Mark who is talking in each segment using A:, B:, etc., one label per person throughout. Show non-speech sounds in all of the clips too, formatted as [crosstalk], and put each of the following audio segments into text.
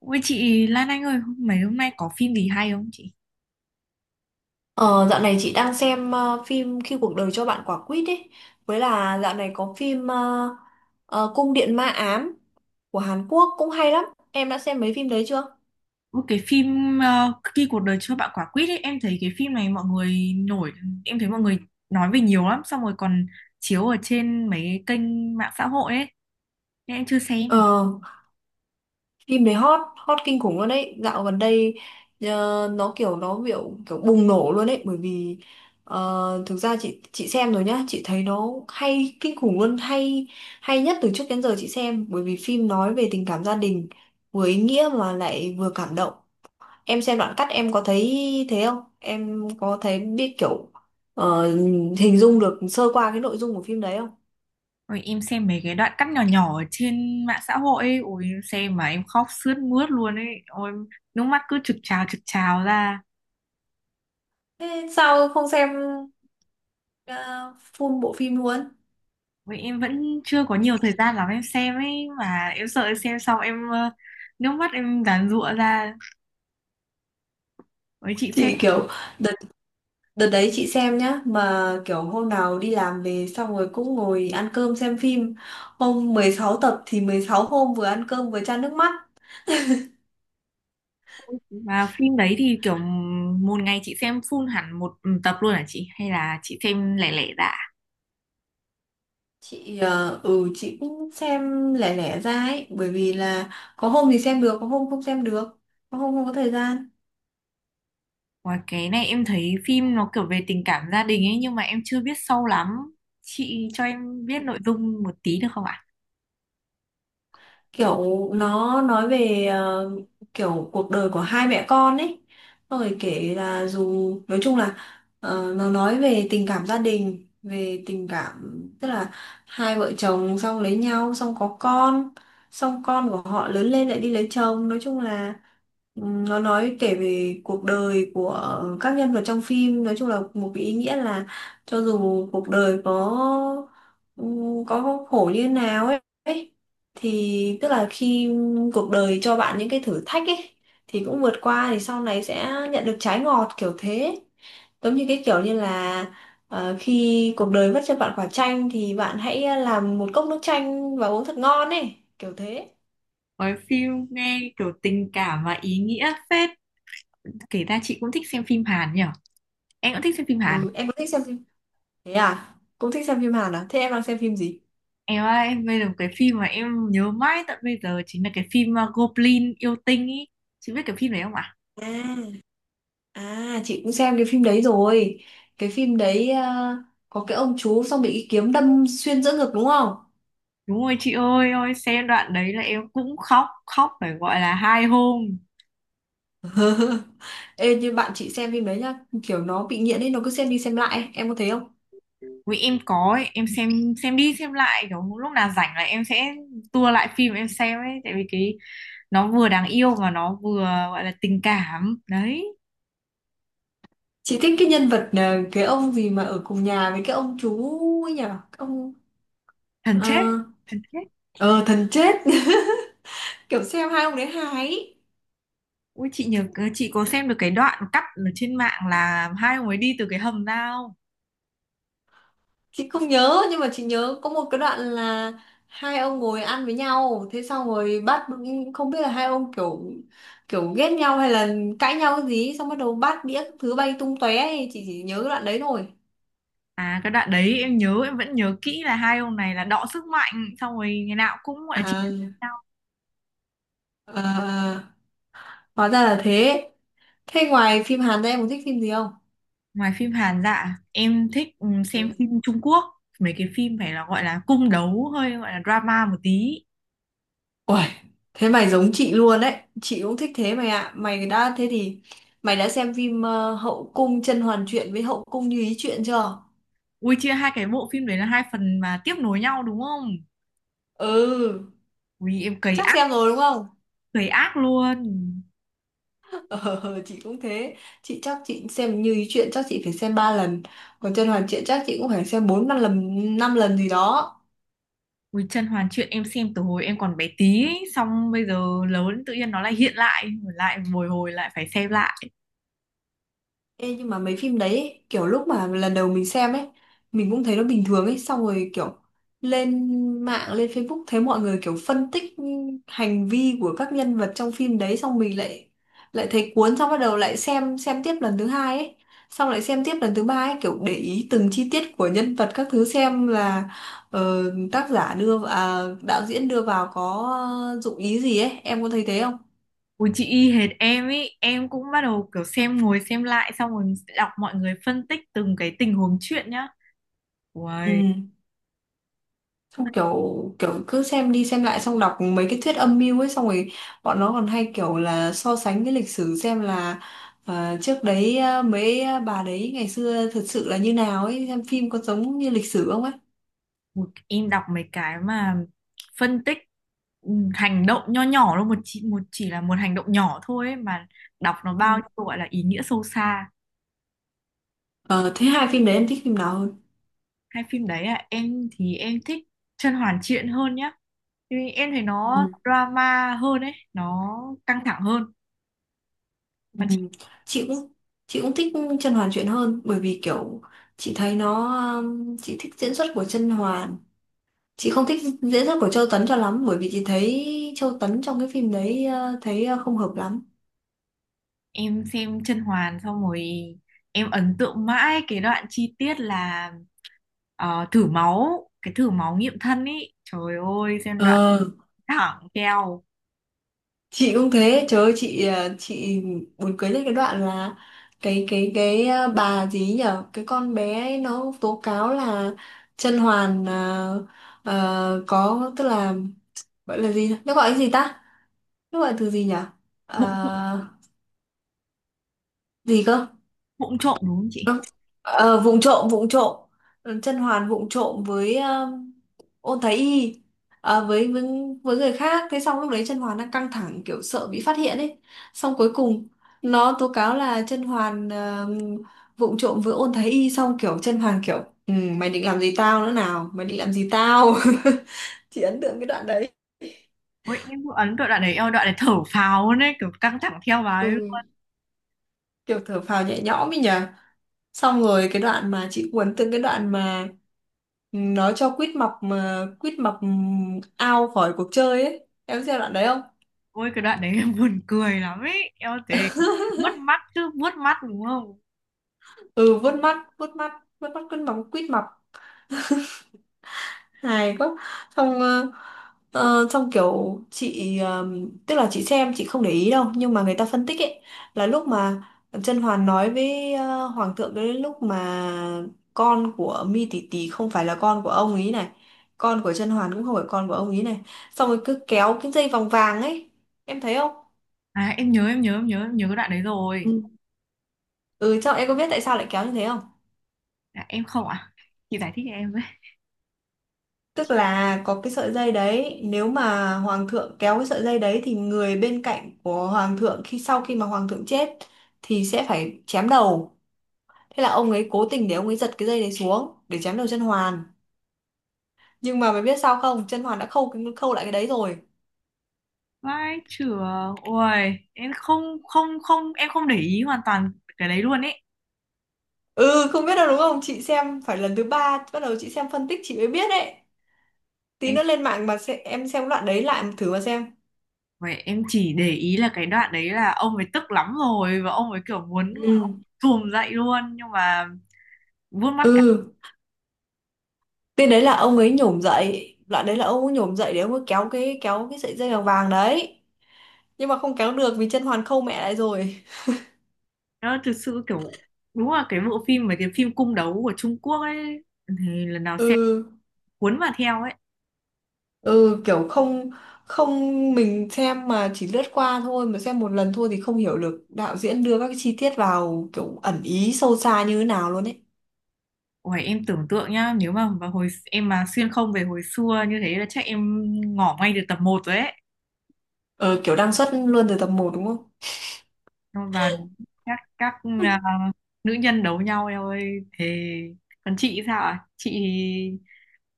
A: Ui chị Lan Anh ơi, mấy hôm nay có phim gì hay không chị?
B: Ờ, Dạo này chị đang xem phim Khi cuộc đời cho bạn quả quýt ấy, với là dạo này có phim Cung điện ma ám của Hàn Quốc cũng hay lắm. Em đã xem mấy phim đấy chưa?
A: Ui, cái phim Khi cuộc đời cho bạn quả quýt ấy, em thấy cái phim này mọi người nổi, em thấy mọi người nói về nhiều lắm, xong rồi còn chiếu ở trên mấy cái kênh mạng xã hội ấy, nên em chưa xem.
B: Ờ Phim đấy hot hot kinh khủng luôn đấy dạo gần đây, nó kiểu kiểu bùng nổ luôn đấy, bởi vì thực ra chị xem rồi nhá, chị thấy nó hay kinh khủng luôn, hay hay nhất từ trước đến giờ chị xem, bởi vì phim nói về tình cảm gia đình, vừa ý nghĩa mà lại vừa cảm động. Em xem đoạn cắt em có thấy thế không? Em có thấy biết kiểu ờ, hình dung được sơ qua cái nội dung của phim đấy không?
A: Ôi, em xem mấy cái đoạn cắt nhỏ nhỏ ở trên mạng xã hội ấy, ôi em xem mà em khóc sướt mướt luôn ấy, ôi nước mắt cứ trực trào ra.
B: Thế sao không xem ờ, full bộ phim luôn?
A: Ôi, em vẫn chưa có nhiều thời gian lắm em xem ấy, mà em sợ em xem xong em nước mắt em giàn giụa ra. Với chị xem,
B: Chị kiểu đợt đợt đấy chị xem nhá, mà kiểu hôm nào đi làm về xong rồi cũng ngồi ăn cơm xem phim. Hôm 16 tập thì 16 hôm vừa ăn cơm vừa chan nước mắt.
A: và phim đấy thì kiểu một ngày chị xem full hẳn một tập luôn hả chị hay là chị xem lẻ lẻ dạ?
B: Chị chị cũng xem lẻ lẻ ra ấy, bởi vì là có hôm thì xem được, có hôm không xem được, có hôm không có thời gian.
A: Và cái này em thấy phim nó kiểu về tình cảm gia đình ấy nhưng mà em chưa biết sâu lắm. Chị cho em biết nội dung một tí được không ạ?
B: Kiểu nó nói về kiểu cuộc đời của hai mẹ con ấy. Xong rồi kể là dù nói chung là nó nói về tình cảm gia đình, về tình cảm, tức là hai vợ chồng xong lấy nhau xong có con, xong con của họ lớn lên lại đi lấy chồng. Nói chung là nó nói kể về cuộc đời của các nhân vật trong phim, nói chung là một cái ý nghĩa là cho dù cuộc đời có khổ như thế nào ấy, thì tức là khi cuộc đời cho bạn những cái thử thách ấy thì cũng vượt qua, thì sau này sẽ nhận được trái ngọt kiểu thế. Giống như cái kiểu như là khi cuộc đời vất cho bạn quả chanh thì bạn hãy làm một cốc nước chanh và uống thật ngon ấy, kiểu thế.
A: Với phim nghe kiểu tình cảm và ý nghĩa phết. Kể ra chị cũng thích xem phim Hàn nhỉ? Em cũng thích xem phim Hàn.
B: Ừ, em có thích xem phim, thế à, cũng thích xem phim Hàn à, thế em đang xem phim gì?
A: Em ơi, em bây giờ một cái phim mà em nhớ mãi tận bây giờ chính là cái phim Goblin yêu tinh ý. Chị biết cái phim đấy không ạ?
B: À, à chị cũng xem cái phim đấy rồi. Cái phim đấy có cái ông chú xong bị cái kiếm đâm xuyên giữa ngực đúng không?
A: Đúng rồi chị ơi, ôi xem đoạn đấy là em cũng khóc, khóc phải gọi là hai hôm.
B: Ê, như bạn chị xem phim đấy nhá, kiểu nó bị nghiện ấy, nó cứ xem đi xem lại ấy. Em có thấy không?
A: Vì em có ấy, em xem đi xem lại kiểu lúc nào rảnh là em sẽ tua lại phim em xem ấy, tại vì cái nó vừa đáng yêu mà nó vừa gọi là tình cảm. Đấy,
B: Chị thích cái nhân vật cái ông gì mà ở cùng nhà với cái ông chú ấy nhở? Cái ông
A: thần chết,
B: ờ
A: thần chết.
B: ờ, thần chết. [laughs] Kiểu xem hai ông đấy hài ấy.
A: Ui chị nhớ chị có xem được cái đoạn cắt ở trên mạng là hai ông ấy đi từ cái hầm ra không?
B: Chị không nhớ, nhưng mà chị nhớ có một cái đoạn là hai ông ngồi ăn với nhau, thế xong rồi bắt, không biết là hai ông kiểu kiểu ghét nhau hay là cãi nhau cái gì ấy, xong bắt đầu bát đĩa các thứ bay tung tóe ấy. Chị chỉ nhớ cái đoạn đấy thôi.
A: À cái đoạn đấy em nhớ em vẫn nhớ kỹ là hai ông này là đọ sức mạnh xong rồi ngày nào cũng gọi là chị.
B: à, à, à, hóa ra là thế. Thế ngoài phim Hàn ra em có thích phim gì không?
A: Ngoài phim Hàn dạ, em thích xem
B: Ừ.
A: phim Trung Quốc, mấy cái phim phải là gọi là cung đấu hơi gọi là drama một tí.
B: Uầy, thế mày giống chị luôn đấy. Chị cũng thích thế mày ạ. Mày đã thế thì mày đã xem phim Hậu cung甄嬛truyện với Hậu cung Như ý truyện chưa?
A: Ui chia hai cái bộ phim đấy là hai phần mà tiếp nối nhau đúng không?
B: Ừ,
A: Ui em
B: chắc xem rồi đúng không?
A: cày ác luôn.
B: [laughs] Ờ, chị cũng thế. Chị chắc chị xem Như ý truyện chắc chị phải xem 3 lần. Còn甄嬛truyện chắc chị cũng phải xem 4 5 lần, 5 lần gì đó.
A: Ui Chân Hoàn Truyện em xem từ hồi em còn bé tí, ấy, xong bây giờ lớn tự nhiên nó lại hiện lại, lại bồi hồi lại phải xem lại.
B: Ê, nhưng mà mấy phim đấy ấy, kiểu lúc mà lần đầu mình xem ấy mình cũng thấy nó bình thường ấy, xong rồi kiểu lên mạng, lên Facebook thấy mọi người kiểu phân tích hành vi của các nhân vật trong phim đấy, xong mình lại lại thấy cuốn, xong bắt đầu lại xem tiếp lần thứ hai ấy, xong lại xem tiếp lần thứ ba ấy, kiểu để ý từng chi tiết của nhân vật các thứ, xem là ờ, tác giả đưa đạo diễn đưa vào có dụng ý gì ấy, em có thấy thế không?
A: Ui chị y hệt em ý, em cũng bắt đầu kiểu xem ngồi xem lại xong rồi đọc mọi người phân tích từng cái tình huống chuyện nhá.
B: Ừ.
A: Ui.
B: Xong kiểu kiểu cứ xem đi xem lại, xong đọc mấy cái thuyết âm mưu ấy, xong rồi bọn nó còn hay kiểu là so sánh cái lịch sử, xem là trước đấy bà đấy ngày xưa thật sự là như nào ấy, xem phim có giống như lịch sử không ấy.
A: Ui, em đọc mấy cái mà phân tích hành động nho nhỏ thôi một chỉ là một hành động nhỏ thôi ấy, mà đọc nó
B: Ừ.
A: bao nhiêu gọi là ý nghĩa sâu xa.
B: Ờ, thế hai phim đấy em thích phim nào hơn?
A: Hai phim đấy à em thì em thích Chân Hoàn Triện hơn nhá vì em thấy nó
B: Ừ.
A: drama hơn ấy nó căng thẳng hơn
B: Ừ.
A: còn chị.
B: chị cũng chị cũng thích Chân Hoàn chuyện hơn, bởi vì kiểu chị thấy nó chị thích diễn xuất của Chân Hoàn, chị không thích diễn xuất của Châu Tấn cho lắm, bởi vì chị thấy Châu Tấn trong cái phim đấy thấy không hợp lắm.
A: Em xem Chân Hoàn xong rồi em ấn tượng mãi cái đoạn chi tiết là thử máu cái thử máu nghiệm thân ấy, trời ơi xem đoạn
B: Ờ,
A: thẳng keo
B: chị cũng thế, trời ơi chị chị buồn cười nhất cái đoạn là bà gì ấy nhở, cái con bé ấy nó tố cáo là Chân Hoàn có, tức là gọi là gì nhỉ? Nó gọi cái gì ta, nó gọi từ gì nhở?
A: bụng
B: Ờ, gì cơ?
A: vụng trộm đúng không chị.
B: Ờ, vụng trộm, vụng trộm, Chân Hoàn vụng trộm với ôn thái y, à, với, với với người khác. Thế xong lúc đấy Chân Hoàn đang căng thẳng kiểu sợ bị phát hiện ấy, xong cuối cùng nó tố cáo là Chân Hoàn vụng trộm với ôn thái y, xong kiểu Chân Hoàn kiểu ừ, mày định làm gì tao nữa nào, mày định làm gì tao. [laughs] Chị ấn tượng cái đoạn đấy.
A: Ôi em cũng ấn tượng đoạn đấy, eo đoạn đấy thở phào luôn ấy kiểu căng thẳng theo bà
B: Ừ,
A: ấy.
B: kiểu thở phào nhẹ nhõm ấy nhờ. Xong rồi cái đoạn mà chị cuốn, từng cái đoạn mà nó cho quýt mập, mà quýt mập ao khỏi cuộc chơi ấy, em xem đoạn đấy.
A: Ôi cái đoạn đấy [laughs] em buồn cười lắm ấy, eo thế vuốt mắt chứ vuốt mắt đúng không.
B: Ừ, vuốt mắt, vuốt mắt, vuốt mắt cứ móng quít mập, hài quá. Xong xong kiểu chị tức là chị xem chị không để ý đâu, nhưng mà người ta phân tích ấy, là lúc mà Chân Hoàn nói với Hoàng thượng, cái lúc mà con của Mi Tỷ Tỷ không phải là con của ông ấy này, con của Chân Hoàn cũng không phải con của ông ấy này, xong rồi cứ kéo cái dây vòng vàng ấy, em thấy không?
A: À em nhớ cái đoạn đấy rồi.
B: Ừ. Ừ, trong em có biết tại sao lại kéo như thế không?
A: À, em không. À chị giải thích cho em với.
B: Tức là có cái sợi dây đấy, nếu mà hoàng thượng kéo cái sợi dây đấy thì người bên cạnh của hoàng thượng khi sau khi mà hoàng thượng chết thì sẽ phải chém đầu. Thế là ông ấy cố tình để ông ấy giật cái dây đấy xuống để chém đầu chân hoàn. Nhưng mà mày biết sao không? Chân hoàn đã khâu cái- khâu lại cái đấy rồi.
A: Vai trưởng ôi em không không không em không để ý hoàn toàn cái đấy luôn ấy.
B: Ừ, không biết đâu đúng không? Chị xem phải lần thứ ba bắt đầu chị xem phân tích chị mới biết đấy. Tí
A: Em
B: nữa lên mạng mà sẽ, em xem đoạn đấy lại thử mà xem.
A: vậy em chỉ để ý là cái đoạn đấy là ông ấy tức lắm rồi và ông ấy kiểu muốn
B: Ừ.
A: thùm dậy luôn nhưng mà vuốt mắt.
B: Ừ. Cái đấy là ông ấy nhổm dậy, đoạn đấy là ông ấy nhổm dậy để ông ấy kéo cái, kéo cái sợi dây vàng vàng đấy. Nhưng mà không kéo được vì chân hoàn khâu mẹ lại rồi.
A: Đó thực sự kiểu đúng là cái bộ phim mấy cái phim cung đấu của Trung Quốc ấy thì lần nào xem
B: Ừ,
A: cuốn vào theo ấy.
B: ừ kiểu không không mình xem mà chỉ lướt qua thôi, mà xem một lần thôi thì không hiểu được đạo diễn đưa các cái chi tiết vào kiểu ẩn ý sâu xa như thế nào luôn ấy.
A: Ủa, em tưởng tượng nhá nếu mà vào hồi em mà xuyên không về hồi xưa như thế là chắc em ngỏ ngay được tập một rồi ấy.
B: Ờ kiểu đang xuất luôn từ tập một đúng không?
A: Xong và các à, nữ nhân đấu nhau em ơi, thế còn chị sao ạ,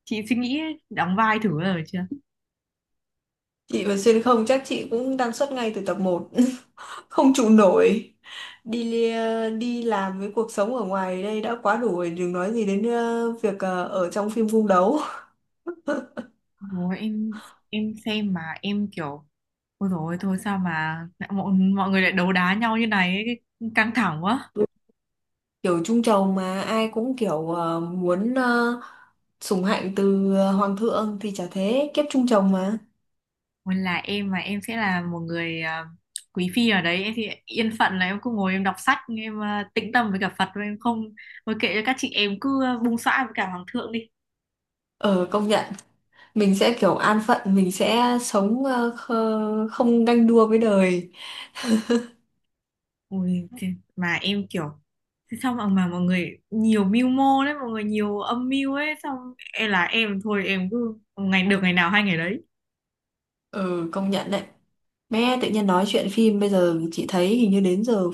A: chị suy nghĩ đóng vai thử rồi chưa?
B: Chị mà xuyên không chắc chị cũng đang suốt ngay từ tập một. [laughs] Không trụ nổi. Đi đi làm với cuộc sống ở ngoài đây đã quá đủ rồi. Đừng nói gì đến ở trong phim cung đấu.
A: Ủa, em xem mà em kiểu ôi rồi thôi sao mà lại mọi người lại đấu đá nhau như này ấy, cái- căng thẳng quá.
B: Kiểu trung trầu mà ai cũng kiểu muốn sủng hạnh từ hoàng thượng. Thì chả thế, kiếp trung trầu mà.
A: Còn là em mà em sẽ là một người à, quý phi ở đấy em thì yên phận là em cứ ngồi em đọc sách em à, tĩnh tâm với cả Phật, và em không, thôi kệ cho các chị em cứ à, bung xõa với cả hoàng thượng đi.
B: Ờ công nhận. Mình sẽ kiểu an phận, mình sẽ sống không ganh đua với đời.
A: Ôi thì, mà em kiểu thế sao mà mọi người nhiều mưu mô đấy mọi người nhiều âm mưu ấy, xong em là em thôi em cứ ngày được ngày nào hay ngày đấy.
B: Ờ công nhận đấy. Mẹ tự nhiên nói chuyện phim, bây giờ chị thấy hình như đến giờ,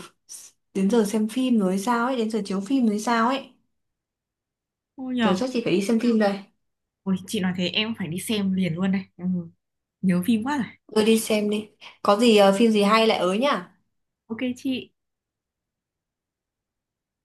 B: đến giờ xem phim rồi hay sao ấy, đến giờ chiếu phim rồi hay sao ấy.
A: Ôi
B: Giờ
A: nhờ.
B: chắc chị phải đi xem phim đây.
A: Ôi, chị nói thế em phải đi xem liền luôn đây. Ừ. Nhớ phim quá rồi.
B: Rồi đi xem đi. Có gì phim gì hay lại ới nhá.
A: Ok chị.